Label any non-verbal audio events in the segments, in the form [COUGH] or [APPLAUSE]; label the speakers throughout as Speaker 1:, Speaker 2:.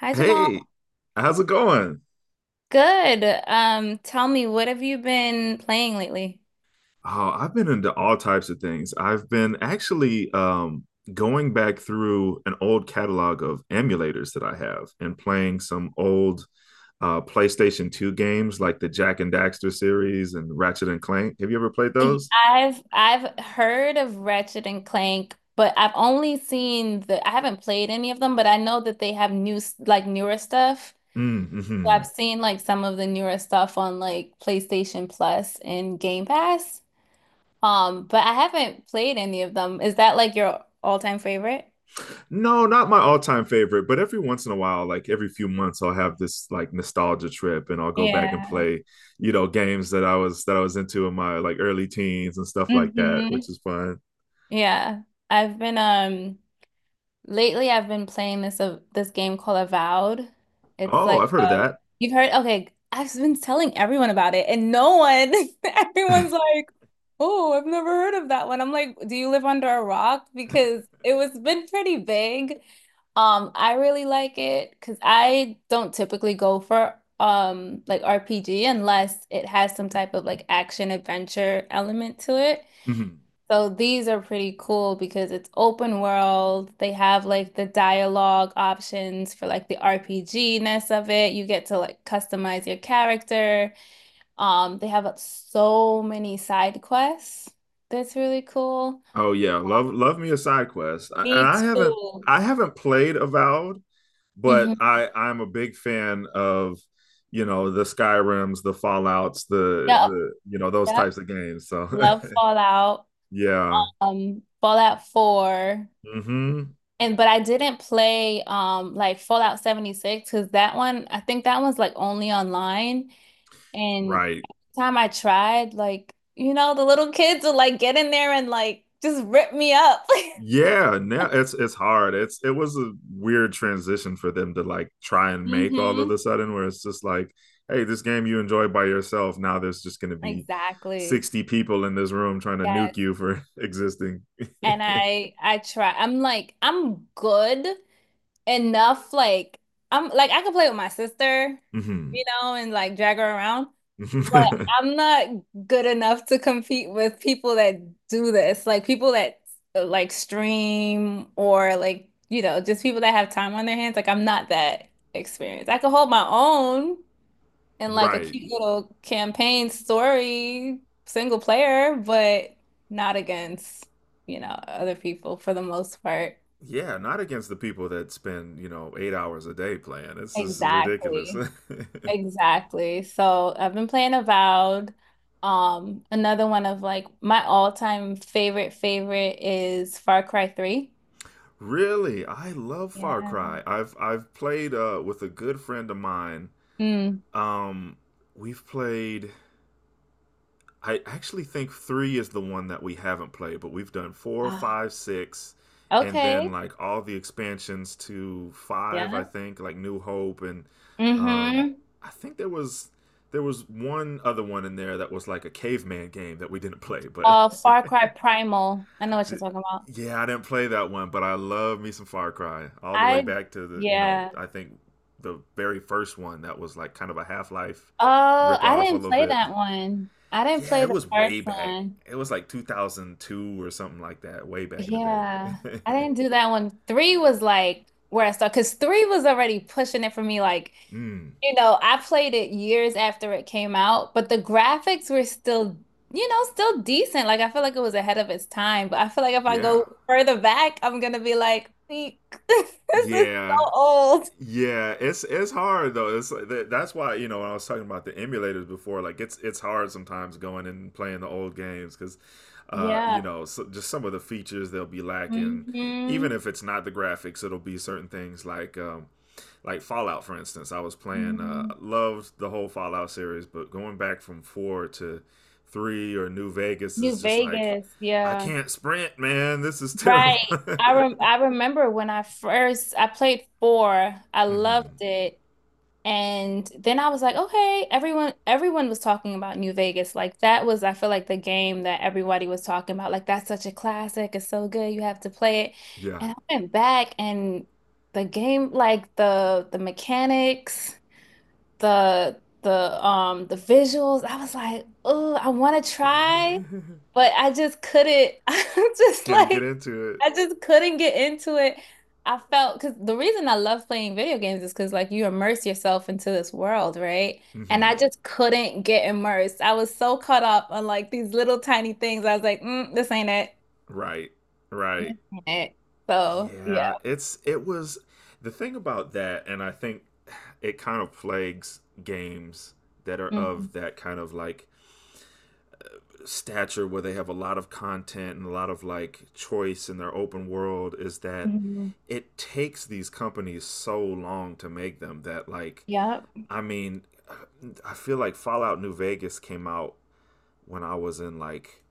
Speaker 1: Hi,
Speaker 2: Hey,
Speaker 1: Jamal.
Speaker 2: how's it going?
Speaker 1: Good. Tell me, what have you been playing lately?
Speaker 2: Oh, I've been into all types of things. I've been actually going back through an old catalog of emulators that I have and playing some old PlayStation 2 games like the Jack and Daxter series and Ratchet and Clank. Have you ever played those?
Speaker 1: I've heard of Ratchet and Clank, but I've only seen the I haven't played any of them, but I know that they have like newer stuff. So I've
Speaker 2: Mm-hmm.
Speaker 1: seen like some of the newer stuff on like PlayStation Plus and Game Pass. But I haven't played any of them. Is that like your all-time favorite?
Speaker 2: No, not my all-time favorite, but every once in a while, like every few months, I'll have this like nostalgia trip and I'll go back and
Speaker 1: Yeah.
Speaker 2: play, games that I was into in my like early teens and stuff like that,
Speaker 1: Mm-hmm.
Speaker 2: which is fun.
Speaker 1: Yeah. I've been Lately, I've been playing this game called Avowed. It's
Speaker 2: Oh,
Speaker 1: like
Speaker 2: I've heard of that.
Speaker 1: You've heard. Okay, I've been telling everyone about it, and no one, [LAUGHS] everyone's
Speaker 2: [LAUGHS]
Speaker 1: like, "Oh, I've never heard of that one." I'm like, "Do you live under a rock?" Because it was been pretty big. I really like it because I don't typically go for like RPG unless it has some type of like action adventure element to it.
Speaker 2: Mhm.
Speaker 1: So these are pretty cool because it's open world. They have like the dialogue options for like the RPG-ness of it. You get to like customize your character. They have so many side quests. That's really cool.
Speaker 2: Oh yeah, love me a side quest. I, and
Speaker 1: Me
Speaker 2: I haven't
Speaker 1: too.
Speaker 2: I haven't played Avowed, but
Speaker 1: hmm
Speaker 2: I'm a big fan of, you know, the Skyrims, the Fallouts, the
Speaker 1: Yep,
Speaker 2: the you know, those
Speaker 1: yep.
Speaker 2: types of games. So,
Speaker 1: Love Fallout.
Speaker 2: [LAUGHS] yeah.
Speaker 1: Fallout 4.
Speaker 2: Mhm.
Speaker 1: And but I didn't play like Fallout 76 because that one, I think that one's like only online. And
Speaker 2: Right.
Speaker 1: time I tried, like, you know, the little kids will like get in there and like just rip me up.
Speaker 2: Yeah, now it's hard. It was a weird transition for them to like try
Speaker 1: [LAUGHS]
Speaker 2: and make all
Speaker 1: hmm
Speaker 2: of a sudden where it's just like, hey, this game you enjoy by yourself. Now there's just gonna be
Speaker 1: Exactly.
Speaker 2: 60 people in this room trying to nuke
Speaker 1: Yes.
Speaker 2: you for [LAUGHS] existing. [LAUGHS]
Speaker 1: And I try. I'm like I'm good enough. Like I'm like I can play with my sister,
Speaker 2: Mhm.
Speaker 1: you know, and like drag her around. But
Speaker 2: [LAUGHS]
Speaker 1: I'm not good enough to compete with people that do this. Like people that like stream or like, you know, just people that have time on their hands. Like I'm not that experienced. I can hold my own in like a
Speaker 2: Right.
Speaker 1: cute little campaign story, single player, but not against, you know, other people for the most part.
Speaker 2: Yeah, not against the people that spend, you know, 8 hours a day playing. It's this is ridiculous.
Speaker 1: Exactly.
Speaker 2: [LAUGHS]
Speaker 1: Exactly. So I've been playing Avowed. Another one of like my all-time favorite is Far Cry 3.
Speaker 2: Really, I love Far
Speaker 1: Yeah.
Speaker 2: Cry. I've played with a good friend of mine.
Speaker 1: Mm.
Speaker 2: Um, we've played. I actually think three is the one that we haven't played, but we've done four,
Speaker 1: Ah,
Speaker 2: five, six, and then
Speaker 1: okay.
Speaker 2: like all the expansions to five. I
Speaker 1: Yeah.
Speaker 2: think like New Hope, and um,
Speaker 1: Mm-hmm.
Speaker 2: I think there was one other one in there that was like a caveman game that we didn't play, but
Speaker 1: Far Cry
Speaker 2: [LAUGHS]
Speaker 1: Primal. I know what you're
Speaker 2: D-
Speaker 1: talking about.
Speaker 2: yeah, I didn't play that one, but I love me some Far Cry all the way
Speaker 1: I,
Speaker 2: back to the you know
Speaker 1: yeah.
Speaker 2: I think the very first one that was like kind of a Half Life
Speaker 1: Oh, I
Speaker 2: ripoff a
Speaker 1: didn't
Speaker 2: little
Speaker 1: play
Speaker 2: bit.
Speaker 1: that one. I didn't
Speaker 2: Yeah,
Speaker 1: play
Speaker 2: it
Speaker 1: the
Speaker 2: was way
Speaker 1: first
Speaker 2: back.
Speaker 1: one.
Speaker 2: It was like 2002 or something like that, way back in the
Speaker 1: Yeah,
Speaker 2: day.
Speaker 1: I didn't do that one. Three was like where I started because three was already pushing it for me. Like,
Speaker 2: [LAUGHS] mm,
Speaker 1: you know, I played it years after it came out, but the graphics were still, you know, still decent. Like, I feel like it was ahead of its time, but I feel like if I
Speaker 2: yeah,
Speaker 1: go further back, I'm gonna be like, "Eek, [LAUGHS] this is
Speaker 2: yeah,
Speaker 1: so old."
Speaker 2: Yeah, it's hard though. It's like that's why you know when I was talking about the emulators before, like it's hard sometimes going and playing the old games because, you
Speaker 1: Yeah.
Speaker 2: know, so just some of the features they'll be lacking. Even
Speaker 1: hmm
Speaker 2: if it's not the graphics, it'll be certain things like Fallout, for instance. I was playing,
Speaker 1: hmm
Speaker 2: loved the whole Fallout series, but going back from four to three or New Vegas
Speaker 1: New
Speaker 2: is just like,
Speaker 1: Vegas.
Speaker 2: I
Speaker 1: Yeah.
Speaker 2: can't sprint, man. This is terrible.
Speaker 1: Right.
Speaker 2: [LAUGHS]
Speaker 1: I remember when I played four. I loved
Speaker 2: hmm
Speaker 1: it. And then I was like, okay, everyone was talking about New Vegas. Like that was I feel like the game that everybody was talking about. Like that's such a classic. It's so good. You have to play it.
Speaker 2: Yeah.
Speaker 1: And I went back and the game, like the mechanics, the visuals. I was like, oh, I want to try,
Speaker 2: [LAUGHS]
Speaker 1: but I just couldn't. [LAUGHS] I just
Speaker 2: Can I get
Speaker 1: like
Speaker 2: into it?
Speaker 1: I just couldn't get into it. I felt because the reason I love playing video games is because like you immerse yourself into this world, right? And I
Speaker 2: Mm-hmm.
Speaker 1: just couldn't get immersed. I was so caught up on like these little tiny things. I was like, this ain't it.
Speaker 2: Right,
Speaker 1: This
Speaker 2: right.
Speaker 1: ain't it. So yeah.
Speaker 2: Yeah, it's it was the thing about that, and I think it kind of plagues games that are
Speaker 1: Mhm.
Speaker 2: of that kind of like stature where they have a lot of content and a lot of like choice in their open world is that
Speaker 1: Mhm.
Speaker 2: it takes these companies so long to make them that like
Speaker 1: Yep.
Speaker 2: I mean I feel like Fallout New Vegas came out when I was in like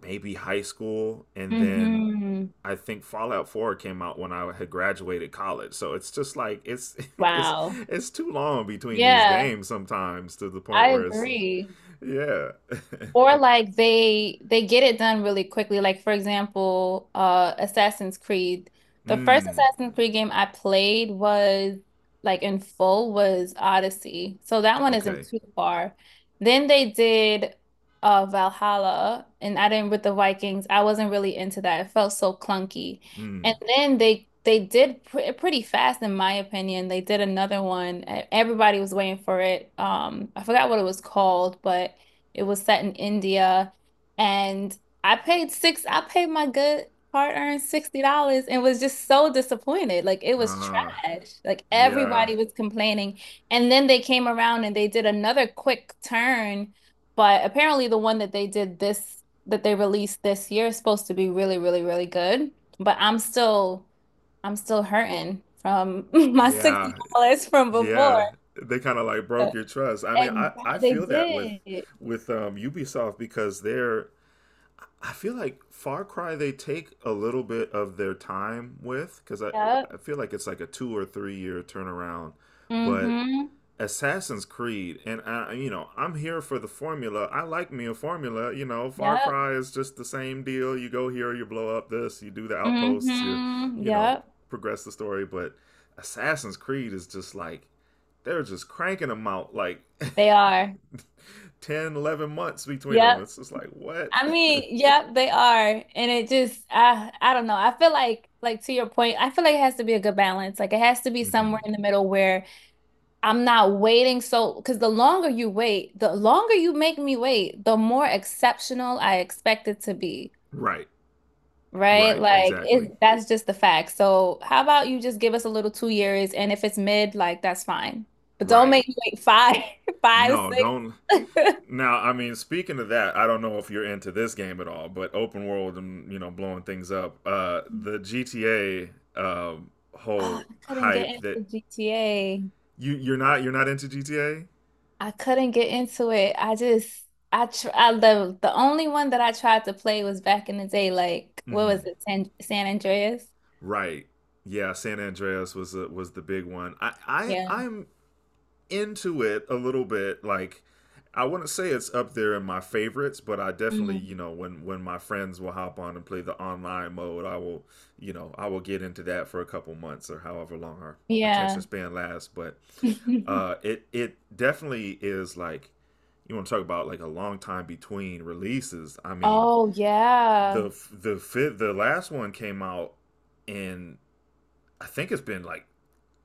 Speaker 2: maybe high school and then
Speaker 1: hmm
Speaker 2: I think Fallout 4 came out when I had graduated college. So it's just like it's [LAUGHS] it's
Speaker 1: Wow.
Speaker 2: it's too long between these
Speaker 1: Yeah.
Speaker 2: games sometimes to the point
Speaker 1: I
Speaker 2: where it's
Speaker 1: agree.
Speaker 2: yeah. [LAUGHS]
Speaker 1: Or like they get it done really quickly. Like for example, Assassin's Creed. The first
Speaker 2: Mm.
Speaker 1: Assassin's Creed game I played was like in full was Odyssey. So that one isn't
Speaker 2: Okay.
Speaker 1: too far. Then they did Valhalla and I didn't with the Vikings. I wasn't really into that. It felt so clunky. And
Speaker 2: Mm.
Speaker 1: then they did pretty fast in my opinion. They did another one. Everybody was waiting for it. I forgot what it was called, but it was set in India, and I paid six. I paid my good hard-earned $60 and was just so disappointed. Like it was
Speaker 2: Ah.
Speaker 1: trash. Like
Speaker 2: Yeah.
Speaker 1: everybody was complaining. And then they came around and they did another quick turn, but apparently the one that they released this year is supposed to be really, really, really good. But I'm still hurting from [LAUGHS] my
Speaker 2: Yeah.
Speaker 1: $60 from before.
Speaker 2: Yeah. They kind of like broke your trust. I mean,
Speaker 1: Exactly.
Speaker 2: I
Speaker 1: They
Speaker 2: feel that
Speaker 1: did.
Speaker 2: with Ubisoft because they're I feel like Far Cry they take a little bit of their time with because I
Speaker 1: Yep.
Speaker 2: I feel like it's like a 2 or 3 year turnaround, but
Speaker 1: hmm
Speaker 2: Assassin's Creed and I you know I'm here for the formula. I like me a formula. You know Far
Speaker 1: Yep.
Speaker 2: Cry is just the same deal. You go here, you blow up this, you do the outposts, you you know
Speaker 1: Yep.
Speaker 2: progress the story. But Assassin's Creed is just like they're just cranking them out like
Speaker 1: They are.
Speaker 2: [LAUGHS] 10, 11 months between them.
Speaker 1: Yep.
Speaker 2: It's just like what.
Speaker 1: I mean, yep, they are. And it just I don't know. I feel like to your point, I feel like it has to be a good balance. Like it has to be somewhere
Speaker 2: Hmm
Speaker 1: in the middle where I'm not waiting so because the longer you wait, the longer you make me wait, the more exceptional I expect it to be.
Speaker 2: Right.
Speaker 1: Right?
Speaker 2: Right.
Speaker 1: Like
Speaker 2: Exactly.
Speaker 1: it that's just the fact. So how about you just give us a little 2 years and if it's mid, like that's fine. But don't
Speaker 2: Right.
Speaker 1: make me wait five, [LAUGHS] five,
Speaker 2: No, don't.
Speaker 1: six. [LAUGHS]
Speaker 2: Now, I mean, speaking of that, I don't know if you're into this game at all, but open world and you know blowing things up.
Speaker 1: Oh,
Speaker 2: The GTA
Speaker 1: I
Speaker 2: whole
Speaker 1: couldn't get
Speaker 2: hype that
Speaker 1: into GTA.
Speaker 2: you're not you're not into GTA.
Speaker 1: I couldn't get into it. I The only one that I tried to play was back in the day, like what was
Speaker 2: Mm-hmm.
Speaker 1: it, San Andreas?
Speaker 2: Right. Yeah, San Andreas was was the big one. I I
Speaker 1: Yeah.
Speaker 2: I'm into it a little bit. Like I wouldn't say it's up there in my favorites, but I definitely, you
Speaker 1: Mm.
Speaker 2: know, when my friends will hop on and play the online mode, I will, you know, I will get into that for a couple months or however long our attention
Speaker 1: Yeah.
Speaker 2: span lasts. But
Speaker 1: [LAUGHS]
Speaker 2: it it definitely is like you want to talk about like a long time between releases. I mean,
Speaker 1: Oh yeah.
Speaker 2: the last one came out in I think it's been like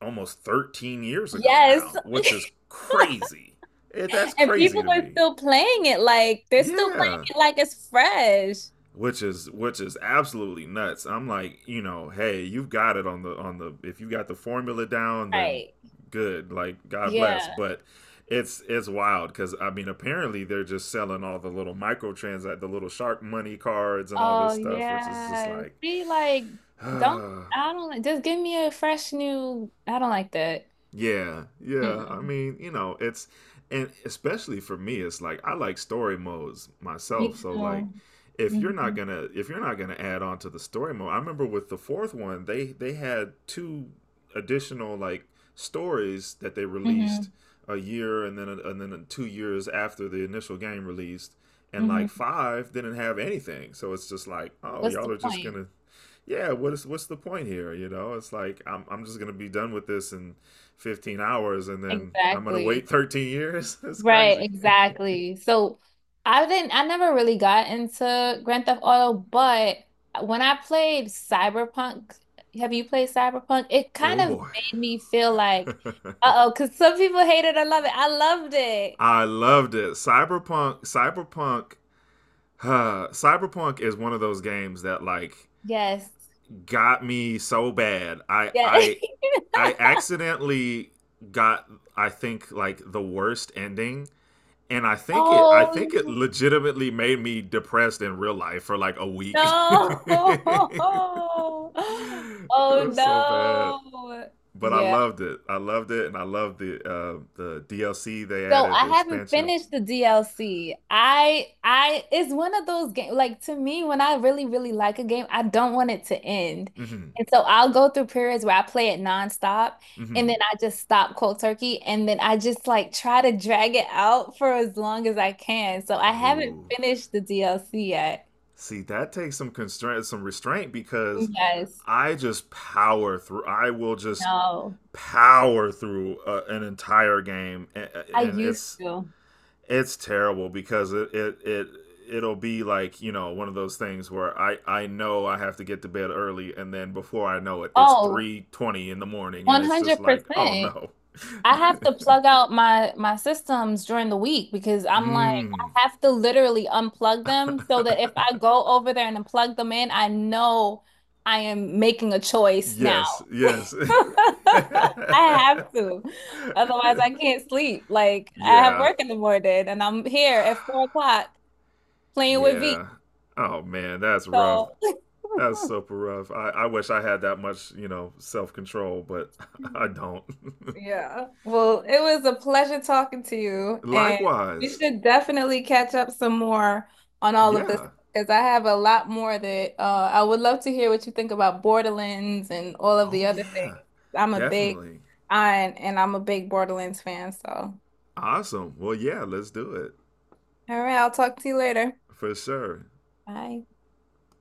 Speaker 2: almost 13 years ago
Speaker 1: Yes.
Speaker 2: now,
Speaker 1: [LAUGHS]
Speaker 2: which is crazy. It, that's
Speaker 1: And
Speaker 2: crazy
Speaker 1: people
Speaker 2: to
Speaker 1: are
Speaker 2: me.
Speaker 1: still playing it like they're still playing
Speaker 2: Yeah,
Speaker 1: it like it's fresh.
Speaker 2: which is absolutely nuts. I'm like, you know, hey, you've got it on the if you got the formula down, then
Speaker 1: Right.
Speaker 2: good. Like God bless,
Speaker 1: Yeah.
Speaker 2: but it's wild because I mean apparently they're just selling all the little microtrans the little shark money cards and all this
Speaker 1: Oh
Speaker 2: stuff, which is just
Speaker 1: yeah.
Speaker 2: like,
Speaker 1: Be like,
Speaker 2: [SIGHS]
Speaker 1: don't
Speaker 2: uh,
Speaker 1: I don't like just give me a fresh new I don't like that.
Speaker 2: yeah, yeah. I
Speaker 1: Mm-mm.
Speaker 2: mean, you know, it's and especially for me, it's like I like story modes
Speaker 1: Me
Speaker 2: myself. So
Speaker 1: too.
Speaker 2: like
Speaker 1: Mm-hmm.
Speaker 2: if you're not gonna add on to the story mode, I remember with the fourth one, they had two additional like stories that they released
Speaker 1: Mm-hmm.
Speaker 2: a year and then 2 years after the initial game released, and like
Speaker 1: Mm-hmm.
Speaker 2: five didn't have anything. So it's just like, oh,
Speaker 1: What's
Speaker 2: y'all
Speaker 1: the
Speaker 2: are just
Speaker 1: point?
Speaker 2: gonna yeah, what's the point here? You know, it's like I'm just gonna be done with this in 15 hours, and then I'm gonna wait
Speaker 1: Exactly.
Speaker 2: 13 years. [LAUGHS] It's
Speaker 1: Right,
Speaker 2: crazy. [LAUGHS]
Speaker 1: exactly. So I never really got into Grand Theft Auto, but when I played Cyberpunk, have you played Cyberpunk? It kind
Speaker 2: oh
Speaker 1: of
Speaker 2: boy,
Speaker 1: made me feel like,
Speaker 2: [LAUGHS]
Speaker 1: uh-oh, because some people hate it, I love it. I loved it.
Speaker 2: I loved it. Cyberpunk is one of those games that like
Speaker 1: Yes.
Speaker 2: got me so bad. I
Speaker 1: Yeah.
Speaker 2: I
Speaker 1: [LAUGHS]
Speaker 2: I accidentally got I think like the worst ending and I think it I
Speaker 1: Oh
Speaker 2: think it legitimately made me depressed in real life for like a week. [LAUGHS]
Speaker 1: no.
Speaker 2: it
Speaker 1: [LAUGHS] Oh
Speaker 2: was so bad,
Speaker 1: no.
Speaker 2: but I
Speaker 1: Yeah.
Speaker 2: loved it. I loved it, and I loved the DLC they
Speaker 1: So
Speaker 2: added,
Speaker 1: I
Speaker 2: the
Speaker 1: haven't
Speaker 2: expansion.
Speaker 1: finished the DLC. I it's one of those games like to me when I really really like a game, I don't want it to end.
Speaker 2: Hmm
Speaker 1: And so I'll go through periods where I play it nonstop and
Speaker 2: hmm
Speaker 1: then I just stop cold turkey and then I just like try to drag it out for as long as I can. So I haven't
Speaker 2: Oh,
Speaker 1: finished the DLC yet.
Speaker 2: see, that takes some constraint, some restraint because
Speaker 1: Yes.
Speaker 2: I just power through. I will just
Speaker 1: No.
Speaker 2: power through an entire game,
Speaker 1: I
Speaker 2: and
Speaker 1: used to.
Speaker 2: it's terrible because it it'll be like you know one of those things where I know I have to get to bed early and then before I know it it's
Speaker 1: Oh,
Speaker 2: 3:20 in the morning and it's just like oh
Speaker 1: 100%.
Speaker 2: no
Speaker 1: I have to plug out my systems during the week because I'm like
Speaker 2: mm,
Speaker 1: I have to literally unplug them so that if I go over there and plug them in, I know I am making a choice
Speaker 2: yes
Speaker 1: now.
Speaker 2: yes
Speaker 1: [LAUGHS] I have
Speaker 2: [LAUGHS]
Speaker 1: to. Otherwise, I can't sleep. Like I have
Speaker 2: yeah
Speaker 1: work in the morning and I'm here at 4 o'clock playing with V.
Speaker 2: yeah oh man that's rough
Speaker 1: So
Speaker 2: that's super rough I wish I had that much you know self control but [LAUGHS] I
Speaker 1: [LAUGHS]
Speaker 2: don't
Speaker 1: Yeah. Well, it was a pleasure talking to
Speaker 2: [LAUGHS]
Speaker 1: you, and we
Speaker 2: likewise
Speaker 1: should definitely catch up some more on all of this
Speaker 2: yeah
Speaker 1: because I have a lot more that I would love to hear what you think about Borderlands and all of
Speaker 2: oh
Speaker 1: the other things.
Speaker 2: yeah
Speaker 1: I'm a big,
Speaker 2: definitely
Speaker 1: I And I'm a big Borderlands fan. So, all
Speaker 2: Awesome. Well, yeah, let's do it
Speaker 1: right, I'll talk to you later.
Speaker 2: for sure.
Speaker 1: Bye.